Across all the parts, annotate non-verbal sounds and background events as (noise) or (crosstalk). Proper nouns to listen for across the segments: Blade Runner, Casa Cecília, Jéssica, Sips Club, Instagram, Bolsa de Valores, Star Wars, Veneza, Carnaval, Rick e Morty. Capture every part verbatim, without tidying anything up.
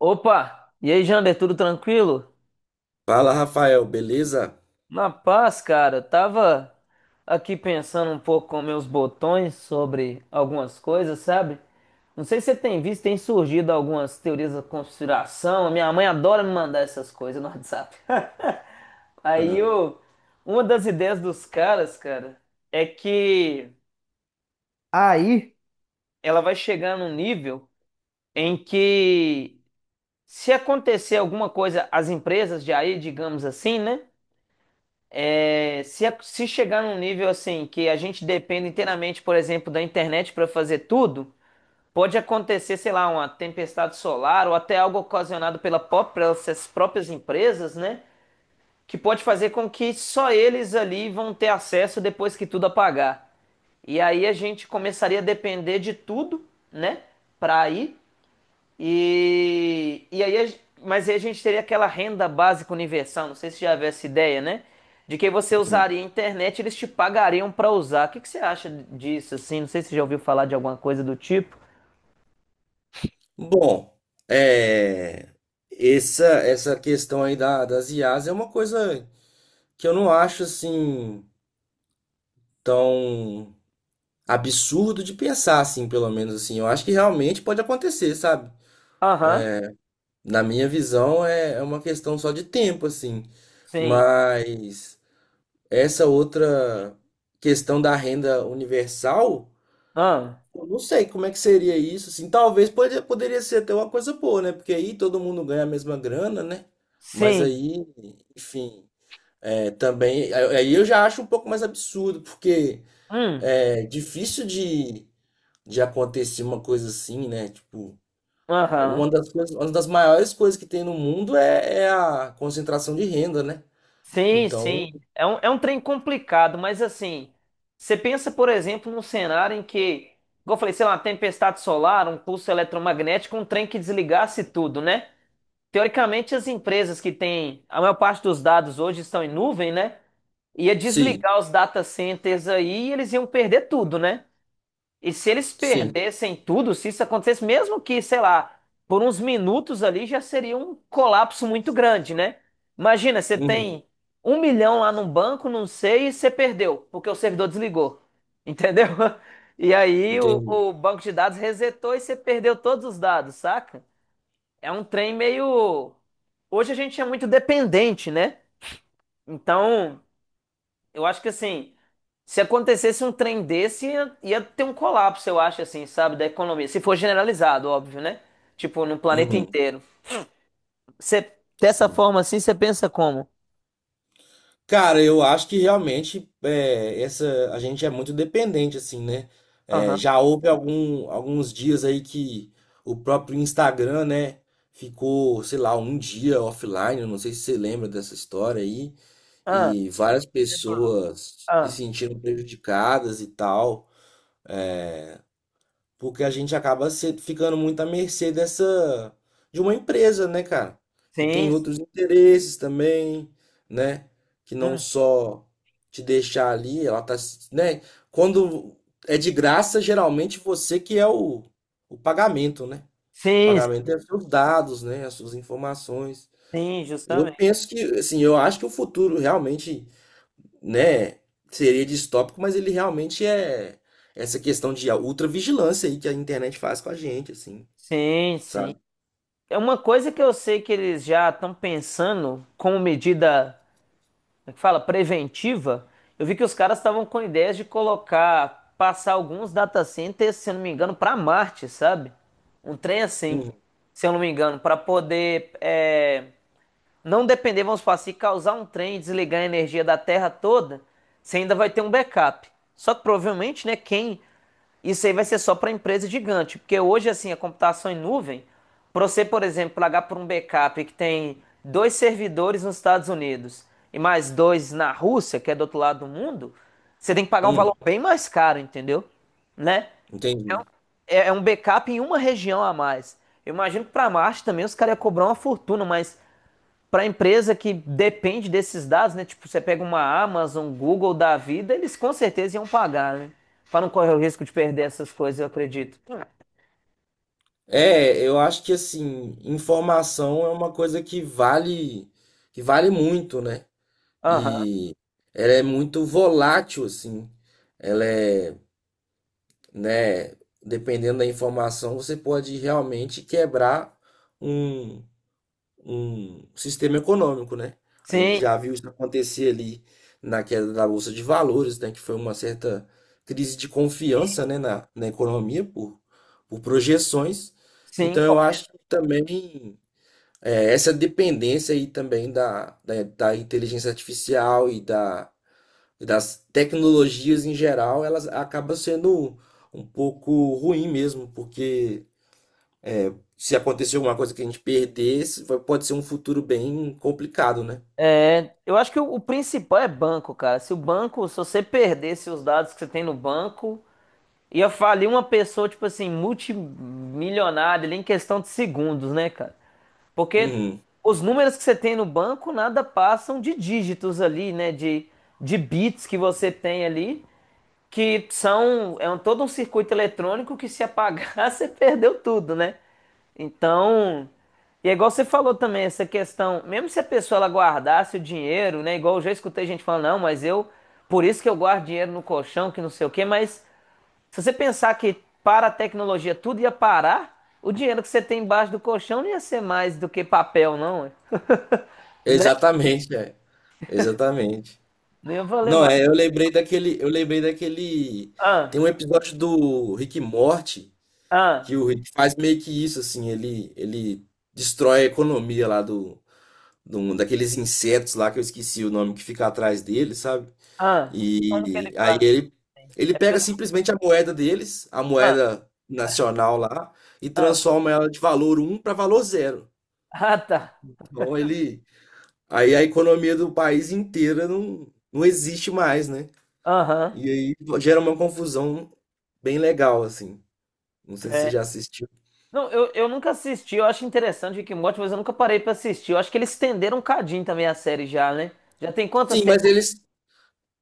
Opa! E aí, Jander, tudo tranquilo? Fala, Rafael, beleza? Na paz, cara. Eu tava aqui pensando um pouco com meus botões sobre algumas coisas, sabe? Não sei se você tem visto, tem surgido algumas teorias da conspiração. Minha mãe adora me mandar essas coisas no WhatsApp. (laughs) Aí, Ah, o- uma das ideias dos caras, cara, é que, aí, ela vai chegar num nível em que, se acontecer alguma coisa, as empresas de aí, digamos assim, né? É, se, a- se chegar num nível assim que a gente depende inteiramente, por exemplo, da internet para fazer tudo, pode acontecer, sei lá, uma tempestade solar ou até algo ocasionado pela pró- pelas próprias empresas, né? Que pode fazer com que só eles ali vão ter acesso depois que tudo apagar. E aí a gente começaria a depender de tudo, né? Para ir. E, e aí, a gen- mas aí a gente teria aquela renda básica universal, não sei se já havia essa ideia, né? De que você hum. usaria a internet, e eles te pagariam para usar. O que que você acha disso, assim? Não sei se você já ouviu falar de alguma coisa do tipo. Bom, é, essa essa questão aí da, das I As é uma coisa que eu não acho assim tão absurdo de pensar assim, pelo menos assim. Eu acho que realmente pode acontecer, sabe? Aham, Na minha visão é, é uma questão só de tempo assim. sim. Mas essa outra questão da renda universal. Ah, Eu não sei como é que seria isso, assim. Talvez pode, poderia ser até uma coisa boa, né? Porque aí todo mundo ganha a mesma grana, né? Mas sim. aí, enfim, é, também. Aí aí eu já acho um pouco mais absurdo, porque Hum, é difícil de, de acontecer uma coisa assim, né? Tipo, aham. uma das coisas, uma das maiores coisas que tem no mundo é, é a concentração de renda, né? Sim, Então, sim. É um, é um trem complicado, mas assim, você pensa, por exemplo, num cenário em que, igual eu falei, sei lá, uma tempestade solar, um pulso eletromagnético, um trem que desligasse tudo, né? Teoricamente, as empresas que têm a maior parte dos dados hoje estão em nuvem, né? Ia sim, desligar os data centers aí e eles iam perder tudo, né? E se eles sim. perdessem tudo, se isso acontecesse, mesmo que, sei lá, por uns minutos ali, já seria um colapso muito grande, né? Imagina, você Uhum, tem um milhão lá num banco, não sei, e você perdeu, porque o servidor desligou, entendeu? (laughs) E aí o, entendi. o banco de dados resetou e você perdeu todos os dados, saca? É um trem meio. Hoje a gente é muito dependente, né? Então, eu acho que assim, se acontecesse um trem desse, ia, ia ter um colapso, eu acho, assim, sabe, da economia. Se for generalizado, óbvio, né? Tipo, no planeta Uhum, inteiro. Você, dessa sim. forma assim, você pensa como? Cara, eu acho que realmente é, essa a gente é muito dependente assim, né? É, Aham. já houve algum, alguns dias aí que o próprio Instagram, né, ficou, sei lá, um dia offline. eu Não sei se você lembra dessa história aí Ah, e várias pessoas se ah. sentiram prejudicadas e tal. Porque a gente acaba se- ficando muito à mercê dessa de uma empresa, né, cara? Que Sim, tem sim, outros interesses também, né? Que não hum, só te deixar ali, ela tá, se- né? Quando é de graça, geralmente você que é o, o pagamento, né? O sim, pagamento é os seus dados, né? As suas informações. sim, Eu justamente. penso que, assim, eu acho que o futuro realmente, né, seria distópico, mas ele realmente é essa questão de ultravigilância aí que a internet faz com a gente, assim, Sim, sim. sabe? É uma coisa que eu sei que eles já estão pensando como medida. Como é que fala? Preventiva, eu vi que os caras estavam com ideias de colocar, passar alguns data centers, se eu não me engano, para Marte, sabe? Um trem assim, Uhum. se eu não me engano, para poder, é, não depender, vamos falar assim, causar um trem e desligar a energia da Terra toda, você ainda vai ter um backup. Só que provavelmente, né, quem, isso aí vai ser só para empresa gigante, porque hoje, assim, a computação em nuvem, para você, por exemplo, pagar por um backup que tem dois servidores nos Estados Unidos e mais dois na Rússia, que é do outro lado do mundo, você tem que pagar um valor Hum, bem mais caro, entendeu? Né? entendi. É é um backup em uma região a mais. Eu imagino que para Marte também os caras iam cobrar uma fortuna, mas para a empresa que depende desses dados, né? Tipo, você pega uma Amazon, Google da vida, eles com certeza iam pagar, né? Para não correr o risco de perder essas coisas, eu acredito. É, eu acho que assim, informação é uma coisa que vale, que vale muito, né? Aham. E ela é muito volátil, assim. Ela é, né, dependendo da informação, você pode realmente quebrar um um sistema econômico, né? A gente Sim, já viu isso acontecer ali na queda da Bolsa de Valores, né? Que foi uma certa crise de confiança, né? na, na economia por, por projeções. sim. Então, eu Correto. acho que também é, essa dependência aí também da, da, da inteligência artificial e da, e das tecnologias em geral, elas acaba sendo um pouco ruim mesmo, porque se acontecer alguma coisa que a gente perdesse, vai- pode ser um futuro bem complicado, né? É, eu acho que o, o principal é banco, cara. Se o banco, se você perdesse os dados que você tem no banco, ia falir uma pessoa, tipo assim, multimilionária ali em questão de segundos, né, cara? Porque Uhum. os números que você tem no banco nada passam de dígitos ali, né? De, de bits que você tem ali, que são, é um, todo um circuito eletrônico que se apagar (laughs) você perdeu tudo, né? Então, e é igual você falou também, essa questão, mesmo se a pessoa ela guardasse o dinheiro, né? Igual eu já escutei gente falando, não, mas eu, por isso que eu guardo dinheiro no colchão, que não sei o quê, mas se você pensar que para a tecnologia tudo ia parar, o dinheiro que você tem embaixo do colchão não ia ser mais do que papel, não, né? Exatamente, é. Exatamente. Não ia valer Não, mais. é, eu lembrei daquele, eu lembrei daquele, tem um Ah, episódio do Rick e Morty que ah, o Rick faz meio que isso assim, ele ele destrói a economia lá do, do daqueles insetos lá que eu esqueci o nome que fica atrás dele, sabe? ah. Como que ele E aí fala? ele, Assim? ele É pega pelo. simplesmente a moeda deles, a Ah, moeda nacional lá, e ah. transforma ela de valor um para valor zero. Ah, tá. Então ele, aí a economia do país inteira não, não existe mais, né? Aham. E aí gera uma confusão bem legal, assim. Não sei se você É. já assistiu. Não, eu, eu nunca assisti, eu acho interessante Rick and Morty, mas eu nunca parei pra assistir. Eu acho que eles estenderam um cadinho também a série já, né? Já tem quantas Sim, mas temporadas? eles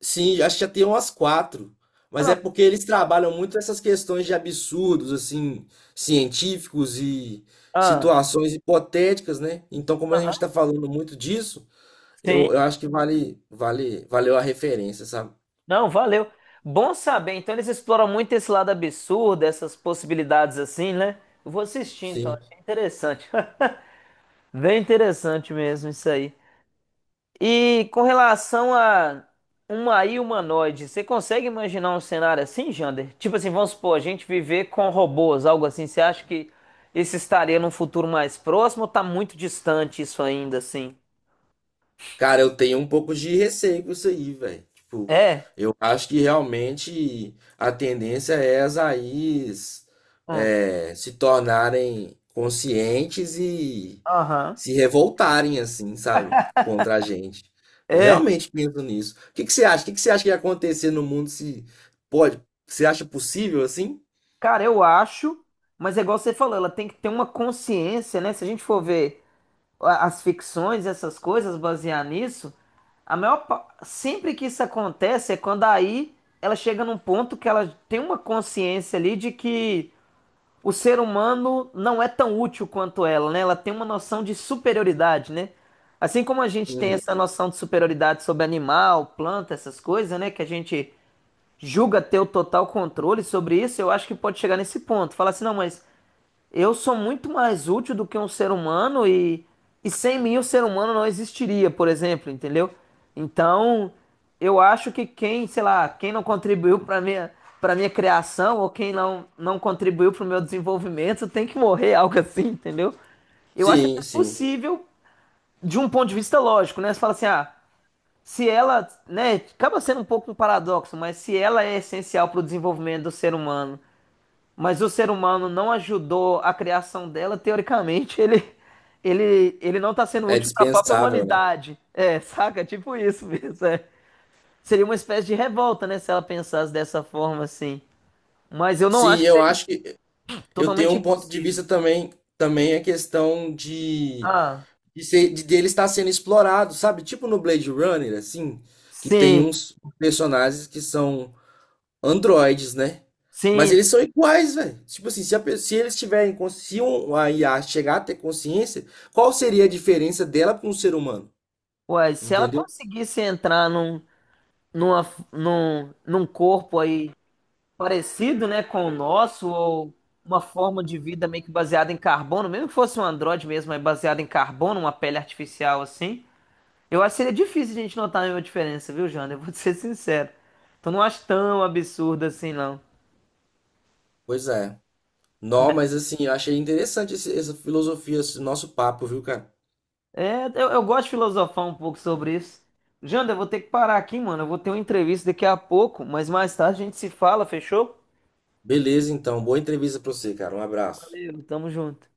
Sim, acho que já tem umas quatro. Ah, Mas é não. porque eles trabalham muito essas questões de absurdos, assim, científicos e Ah, situações hipotéticas, né? Então, como a gente aham. está falando muito disso, Sim. eu, eu acho que vale, vale, valeu a referência, sabe? Não, valeu. Bom saber. Então eles exploram muito esse lado absurdo, essas possibilidades assim, né? Eu vou assistir, então. Sim. Achei interessante. (laughs) Bem interessante mesmo isso aí. E com relação a uma A I humanoide, você consegue imaginar um cenário assim, Jander? Tipo assim, vamos supor, a gente viver com robôs, algo assim. Você acha que isso estaria num futuro mais próximo ou tá muito distante isso ainda, assim? Cara, eu tenho um pouco de receio com isso aí, velho. Tipo, É. eu acho que realmente a tendência é as A Is Hum. é, se tornarem conscientes e Aham. se revoltarem, assim, sabe? Contra a gente. Eu realmente penso nisso. O que que você acha? O que que você acha que ia acontecer no mundo se pode? Você acha possível assim? Cara, eu acho, mas é igual você falou, ela tem que ter uma consciência, né? Se a gente for ver a- as ficções, essas coisas, basear nisso, a maior, pa- sempre que isso acontece é quando, aí, ela chega num ponto que ela tem uma consciência ali de que o ser humano não é tão útil quanto ela, né? Ela tem uma noção de superioridade, né? Assim como a gente tem Uhum. essa noção de superioridade sobre animal, planta, essas coisas, né? Que a gente julga ter o total controle sobre isso, eu acho que pode chegar nesse ponto. Falar assim, não, mas eu sou muito mais útil do que um ser humano e, e sem mim o ser humano não existiria, por exemplo, entendeu? Então, eu acho que quem, sei lá, quem não contribuiu para minha, para minha criação ou quem não não contribuiu para o meu desenvolvimento tem que morrer, (laughs) algo assim, entendeu? Eu acho até Sim, sim. possível de um ponto de vista lógico, né? Você fala assim, ah, se ela, né, acaba sendo um pouco um paradoxo, mas se ela é essencial para o desenvolvimento do ser humano, mas o ser humano não ajudou a criação dela, teoricamente ele ele ele não está sendo É útil para a própria dispensável, né? humanidade. É, saca? Tipo isso mesmo, é. Seria uma espécie de revolta, né, se ela pensasse dessa forma assim. Mas eu não Sim, acho que eu seja acho que eu tenho totalmente um ponto de impossível. vista também, também a questão de, Ah, de, ser, de dele estar sendo explorado, sabe? Tipo no Blade Runner, assim, que tem sim, uns personagens que são androides, né? Mas sim. eles são iguais, velho. Tipo assim, se, a pe- se eles tiverem, cons- se um- um a I A chegar a ter consciência, qual seria a diferença dela para um ser humano? Ué, se ela Entendeu? conseguisse entrar num, numa, num, num corpo aí parecido, né, com o nosso, ou uma forma de vida meio que baseada em carbono, mesmo que fosse um androide mesmo, é baseado em carbono, uma pele artificial assim. Eu acho que seria difícil a gente notar nenhuma diferença, viu, Jana? Eu vou te ser sincero. Então não acho tão absurdo assim, não. Pois é. Não, mas assim, eu achei interessante esse- essa filosofia, esse nosso papo, viu, cara? É, eu, eu gosto de filosofar um pouco sobre isso. Janda, eu vou ter que parar aqui, mano. Eu vou ter uma entrevista daqui a pouco, mas mais tarde a gente se fala, fechou? Beleza, então. Boa entrevista pra você, cara. Um abraço. Valeu, tamo junto.